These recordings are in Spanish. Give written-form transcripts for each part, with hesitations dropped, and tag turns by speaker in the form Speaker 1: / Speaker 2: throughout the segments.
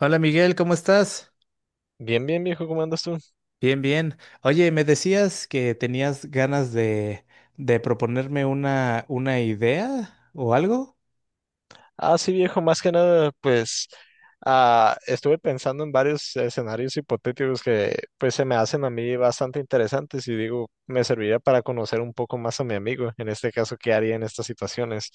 Speaker 1: Hola Miguel, ¿cómo estás?
Speaker 2: Bien, bien, viejo, ¿cómo andas tú?
Speaker 1: Bien, bien. Oye, me decías que tenías ganas de proponerme una idea o algo.
Speaker 2: Sí, viejo, más que nada, estuve pensando en varios escenarios hipotéticos que pues se me hacen a mí bastante interesantes y digo, me serviría para conocer un poco más a mi amigo, en este caso, qué haría en estas situaciones.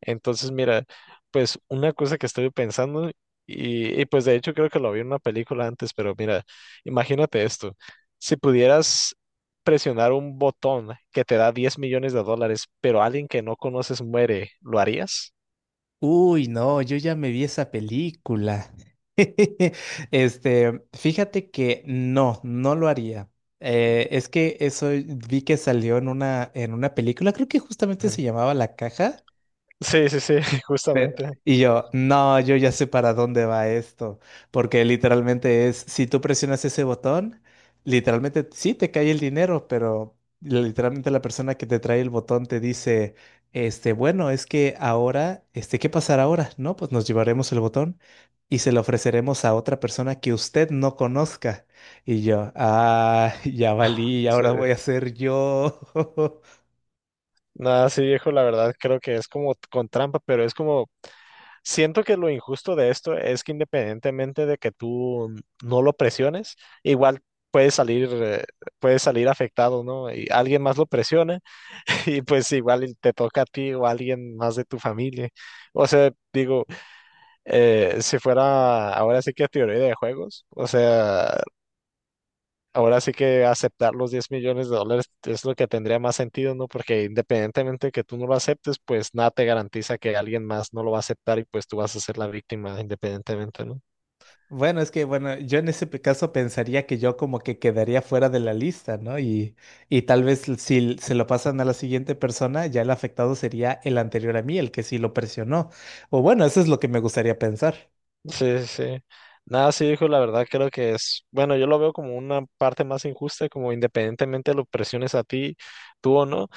Speaker 2: Entonces, mira, pues una cosa que estoy pensando, pues de hecho creo que lo vi en una película antes, pero mira, imagínate esto, si pudieras presionar un botón que te da 10 millones de dólares, pero alguien que no conoces muere, ¿lo harías?
Speaker 1: Uy, no, yo ya me vi esa película. Este, fíjate que no, no lo haría. Es que eso vi que salió en una película, creo que justamente
Speaker 2: Ujú.
Speaker 1: se llamaba La Caja.
Speaker 2: Sí, sí, sí, justamente.
Speaker 1: Y yo, no, yo ya sé para dónde va esto, porque literalmente es, si tú presionas ese botón, literalmente sí te cae el dinero, pero literalmente la persona que te trae el botón te dice, este, bueno, es que ahora, este, ¿qué pasará ahora? No, pues nos llevaremos el botón y se lo ofreceremos a otra persona que usted no conozca. Y yo, ah, ya valí,
Speaker 2: Sí.
Speaker 1: ahora voy a ser yo.
Speaker 2: Nada, sí, viejo, la verdad creo que es como con trampa, pero es como, siento que lo injusto de esto es que independientemente de que tú no lo presiones, igual puedes salir, eh, puedes salir afectado, ¿no? Y alguien más lo presiona y pues igual y te toca a ti o a alguien más de tu familia. O sea, digo, si fuera ahora sí que teoría de juegos, o sea, ahora sí que aceptar los 10 millones de dólares es lo que tendría más sentido, ¿no? Porque independientemente de que tú no lo aceptes, pues nada te garantiza que alguien más no lo va a aceptar y pues tú vas a ser la víctima independientemente, ¿no?
Speaker 1: Bueno, es que, bueno, yo en ese caso pensaría que yo como que quedaría fuera de la lista, ¿no? Y tal vez si se lo pasan a la siguiente persona, ya el afectado sería el anterior a mí, el que sí lo presionó. O bueno, eso es lo que me gustaría pensar.
Speaker 2: Sí, sí, sí. Nada, sí, hijo, la verdad creo que es, bueno, yo lo veo como una parte más injusta, como independientemente lo presiones a ti, tú o no,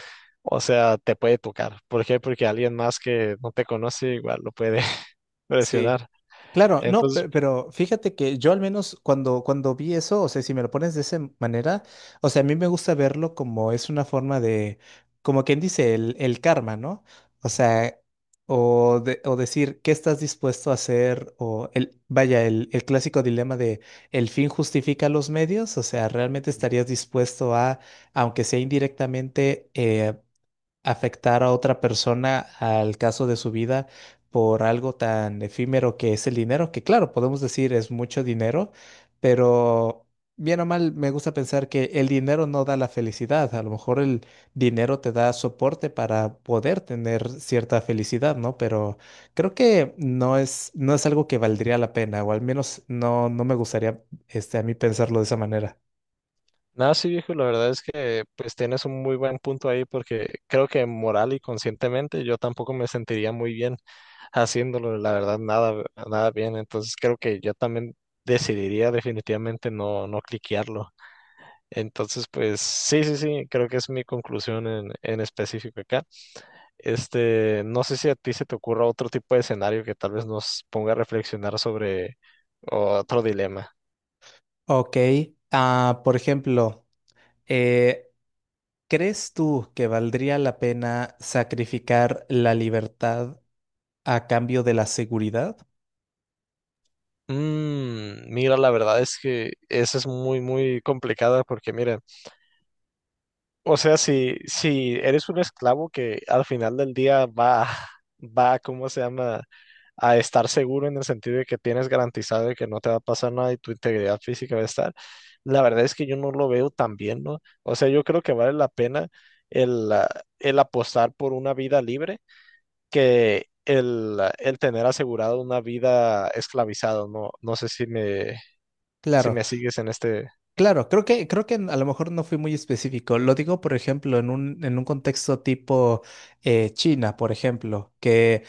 Speaker 2: o sea, te puede tocar. ¿Por qué? Porque alguien más que no te conoce igual lo puede
Speaker 1: Sí.
Speaker 2: presionar.
Speaker 1: Claro, no,
Speaker 2: Entonces,
Speaker 1: pero fíjate que yo al menos cuando vi eso, o sea, si me lo pones de esa manera, o sea, a mí me gusta verlo como es una forma de, como quien dice, el karma, ¿no? O sea, o, o decir, ¿qué estás dispuesto a hacer? O el, vaya, el clásico dilema de, ¿el fin justifica los medios? O sea, ¿realmente estarías dispuesto a, aunque sea indirectamente, afectar a otra persona al caso de su vida por algo tan efímero que es el dinero, que claro, podemos decir es mucho dinero, pero bien o mal me gusta pensar que el dinero no da la felicidad, a lo mejor el dinero te da soporte para poder tener cierta felicidad, ¿no? Pero creo que no es algo que valdría la pena, o al menos no, no me gustaría este, a mí pensarlo de esa manera.
Speaker 2: nada, sí, viejo, la verdad es que pues tienes un muy buen punto ahí porque creo que moral y conscientemente yo tampoco me sentiría muy bien haciéndolo, la verdad, nada, nada bien. Entonces, creo que yo también decidiría definitivamente no, no cliquearlo. Entonces, pues sí, sí, sí, creo que es mi conclusión en específico acá. Este, no sé si a ti se te ocurra otro tipo de escenario que tal vez nos ponga a reflexionar sobre otro dilema.
Speaker 1: Ok, ah, por ejemplo, eh, ¿Crees tú que valdría la pena sacrificar la libertad a cambio de la seguridad?
Speaker 2: Mm, mira, la verdad es que esa es muy, muy complicada porque mira, o sea, si eres un esclavo que al final del día ¿cómo se llama? A estar seguro en el sentido de que tienes garantizado de que no te va a pasar nada y tu integridad física va a estar. La verdad es que yo no lo veo tan bien, ¿no? O sea, yo creo que vale la pena el, ah, el apostar por una vida libre que el tener asegurado una vida esclavizado, ¿no? No sé si me, si
Speaker 1: Claro,
Speaker 2: me sigues en este...
Speaker 1: claro, creo que a lo mejor no fui muy específico. Lo digo, por ejemplo, en un contexto tipo China, por ejemplo, que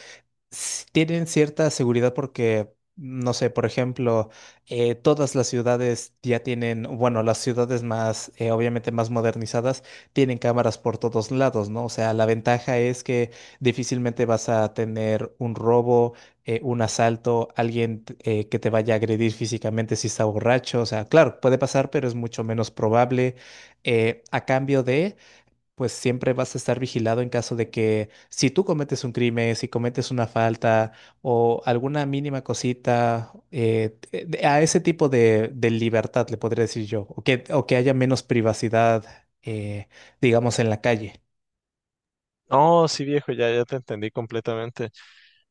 Speaker 1: tienen cierta seguridad porque, no sé, por ejemplo, todas las ciudades ya tienen, bueno, las ciudades más, obviamente más modernizadas, tienen cámaras por todos lados, ¿no? O sea, la ventaja es que difícilmente vas a tener un robo, un asalto, alguien que te vaya a agredir físicamente si está borracho. O sea, claro, puede pasar, pero es mucho menos probable. A cambio de pues siempre vas a estar vigilado en caso de que si tú cometes un crimen, si cometes una falta o alguna mínima cosita, a ese tipo de libertad le podría decir yo, o que haya menos privacidad, eh, digamos, en la calle.
Speaker 2: No, sí, viejo, ya te entendí completamente.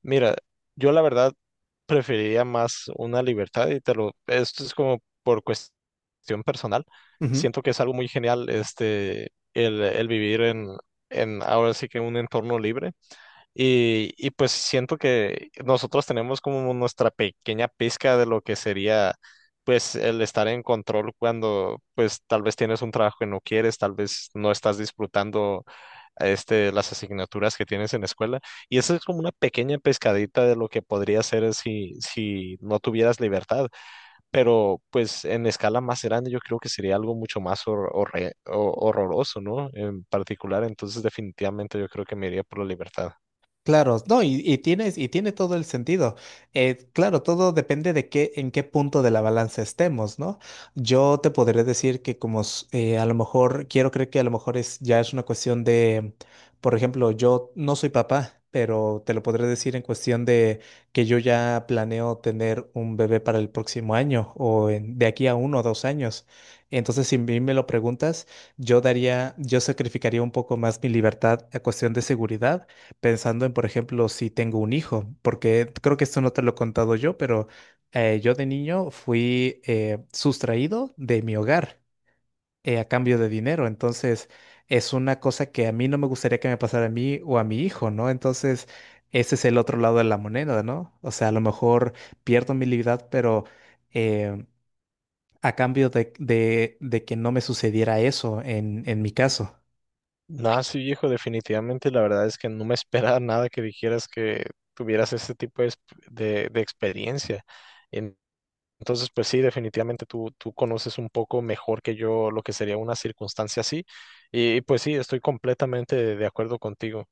Speaker 2: Mira, yo la verdad preferiría más una libertad y te lo, esto es como por cuestión personal. Siento que es algo muy genial este, el vivir en ahora sí que en un entorno libre. Y pues siento que nosotros tenemos como nuestra pequeña pizca de lo que sería pues el estar en control cuando pues tal vez tienes un trabajo que no quieres, tal vez no estás disfrutando este, las asignaturas que tienes en la escuela. Y eso es como una pequeña pescadita de lo que podría ser si, si no tuvieras libertad. Pero pues en escala más grande yo creo que sería algo mucho más horroroso, ¿no? En particular, entonces definitivamente yo creo que me iría por la libertad.
Speaker 1: Claro, no, y tiene todo el sentido. Claro, todo depende de en qué punto de la balanza estemos, ¿no? Yo te podré decir que como a lo mejor, quiero creer que a lo mejor ya es una cuestión de, por ejemplo, yo no soy papá, pero te lo podré decir en cuestión de que yo ya planeo tener un bebé para el próximo año o de aquí a 1 o 2 años. Entonces, si a mí me lo preguntas, yo sacrificaría un poco más mi libertad a cuestión de seguridad pensando en, por ejemplo, si tengo un hijo, porque creo que esto no te lo he contado yo, pero yo de niño fui sustraído de mi hogar a cambio de dinero, entonces es una cosa que a mí no me gustaría que me pasara a mí o a mi hijo, ¿no? Entonces, ese es el otro lado de la moneda, ¿no? O sea, a lo mejor pierdo mi libertad, pero... eh, a cambio de que no me sucediera eso en mi caso.
Speaker 2: Nada, sí, viejo, definitivamente la verdad es que no me esperaba nada que dijeras que tuvieras este tipo de, de experiencia. En- Entonces, pues sí, definitivamente tú conoces un poco mejor que yo lo que sería una circunstancia así. Y, pues sí, estoy completamente de acuerdo contigo.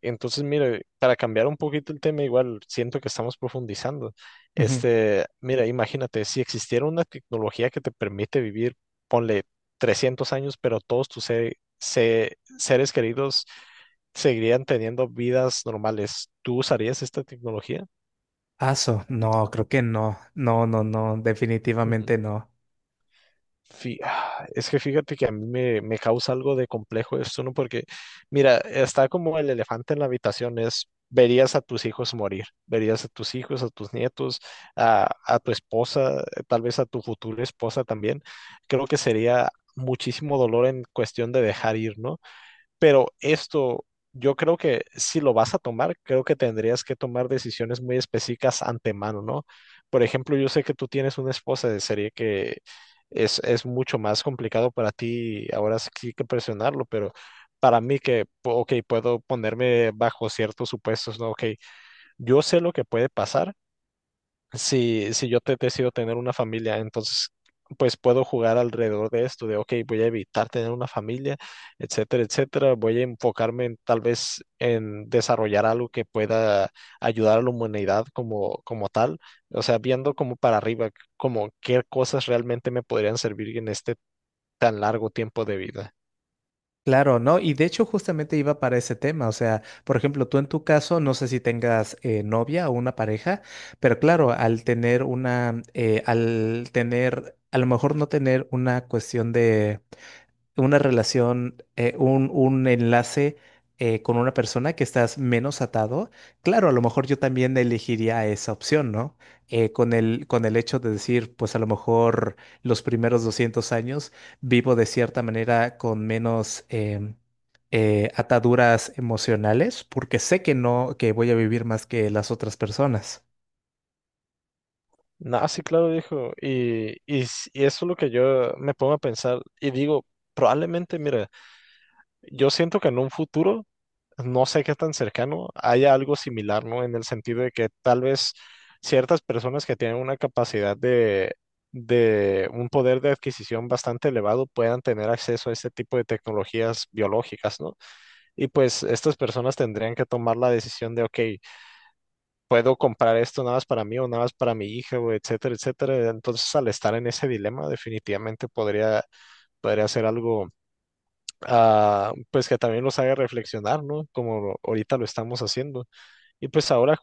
Speaker 2: Entonces, mire, para cambiar un poquito el tema, igual siento que estamos profundizando. Este, mira, imagínate, si existiera una tecnología que te permite vivir, ponle 300 años, pero todos tus seres queridos seguirían teniendo vidas normales, ¿tú usarías esta tecnología?
Speaker 1: Paso, no, creo que no, no, no, no, definitivamente no.
Speaker 2: Es que fíjate que a mí me, me causa algo de complejo esto, ¿no? Porque, mira, está como el elefante en la habitación, es, verías a tus hijos morir, verías a tus hijos, a tus nietos, a tu esposa, tal vez a tu futura esposa también. Creo que sería muchísimo dolor en cuestión de dejar ir, ¿no? Pero esto, yo creo que si lo vas a tomar, creo que tendrías que tomar decisiones muy específicas antemano, ¿no? Por ejemplo, yo sé que tú tienes una esposa de serie que es mucho más complicado para ti, ahora sí que presionarlo, pero para mí que, ok, puedo ponerme bajo ciertos supuestos, ¿no? Ok, yo sé lo que puede pasar si, si yo te decido tener una familia, entonces pues puedo jugar alrededor de esto, de, ok, voy a evitar tener una familia, etcétera, etcétera. Voy a enfocarme en, tal vez en desarrollar algo que pueda ayudar a la humanidad como, como tal, o sea, viendo como para arriba, como qué cosas realmente me podrían servir en este tan largo tiempo de vida.
Speaker 1: Claro, no, y de hecho justamente iba para ese tema, o sea, por ejemplo, tú en tu caso, no sé si tengas novia o una pareja, pero claro, al tener, a lo mejor no tener una cuestión de una relación, un enlace con una persona que estás menos atado, claro, a lo mejor yo también elegiría esa opción, ¿no? Con el hecho de decir, pues a lo mejor los primeros 200 años vivo de cierta manera con menos ataduras emocionales, porque sé que no, que voy a vivir más que las otras personas.
Speaker 2: No, sí, claro, dijo. Y eso es lo que yo me pongo a pensar y digo, probablemente, mira, yo siento que en un futuro, no sé qué tan cercano, haya algo similar, ¿no? En el sentido de que tal vez ciertas personas que tienen una capacidad de un poder de adquisición bastante elevado puedan tener acceso a este tipo de tecnologías biológicas, ¿no? Y pues estas personas tendrían que tomar la decisión de, ok, puedo comprar esto nada más para mí o nada más para mi hija, o etcétera, etcétera. Entonces, al estar en ese dilema, definitivamente podría ser algo pues que también los haga reflexionar, ¿no? Como ahorita lo estamos haciendo. Y pues ahora,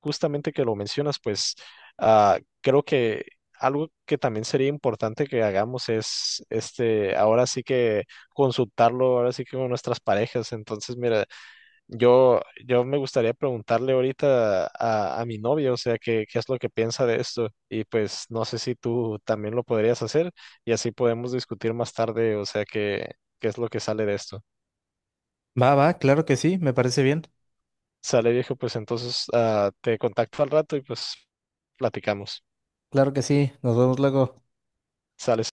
Speaker 2: justamente que lo mencionas, pues creo que algo que también sería importante que hagamos es, este, ahora sí que consultarlo, ahora sí que con nuestras parejas. Entonces, mira, yo, yo me gustaría preguntarle ahorita a mi novia, o sea, qué, qué es lo que piensa de esto. Y pues no sé si tú también lo podrías hacer y así podemos discutir más tarde, o sea, qué, qué es lo que sale de esto.
Speaker 1: Va, va, claro que sí, me parece bien.
Speaker 2: Sale viejo, pues entonces te contacto al rato y pues platicamos.
Speaker 1: Claro que sí, nos vemos luego.
Speaker 2: Sale.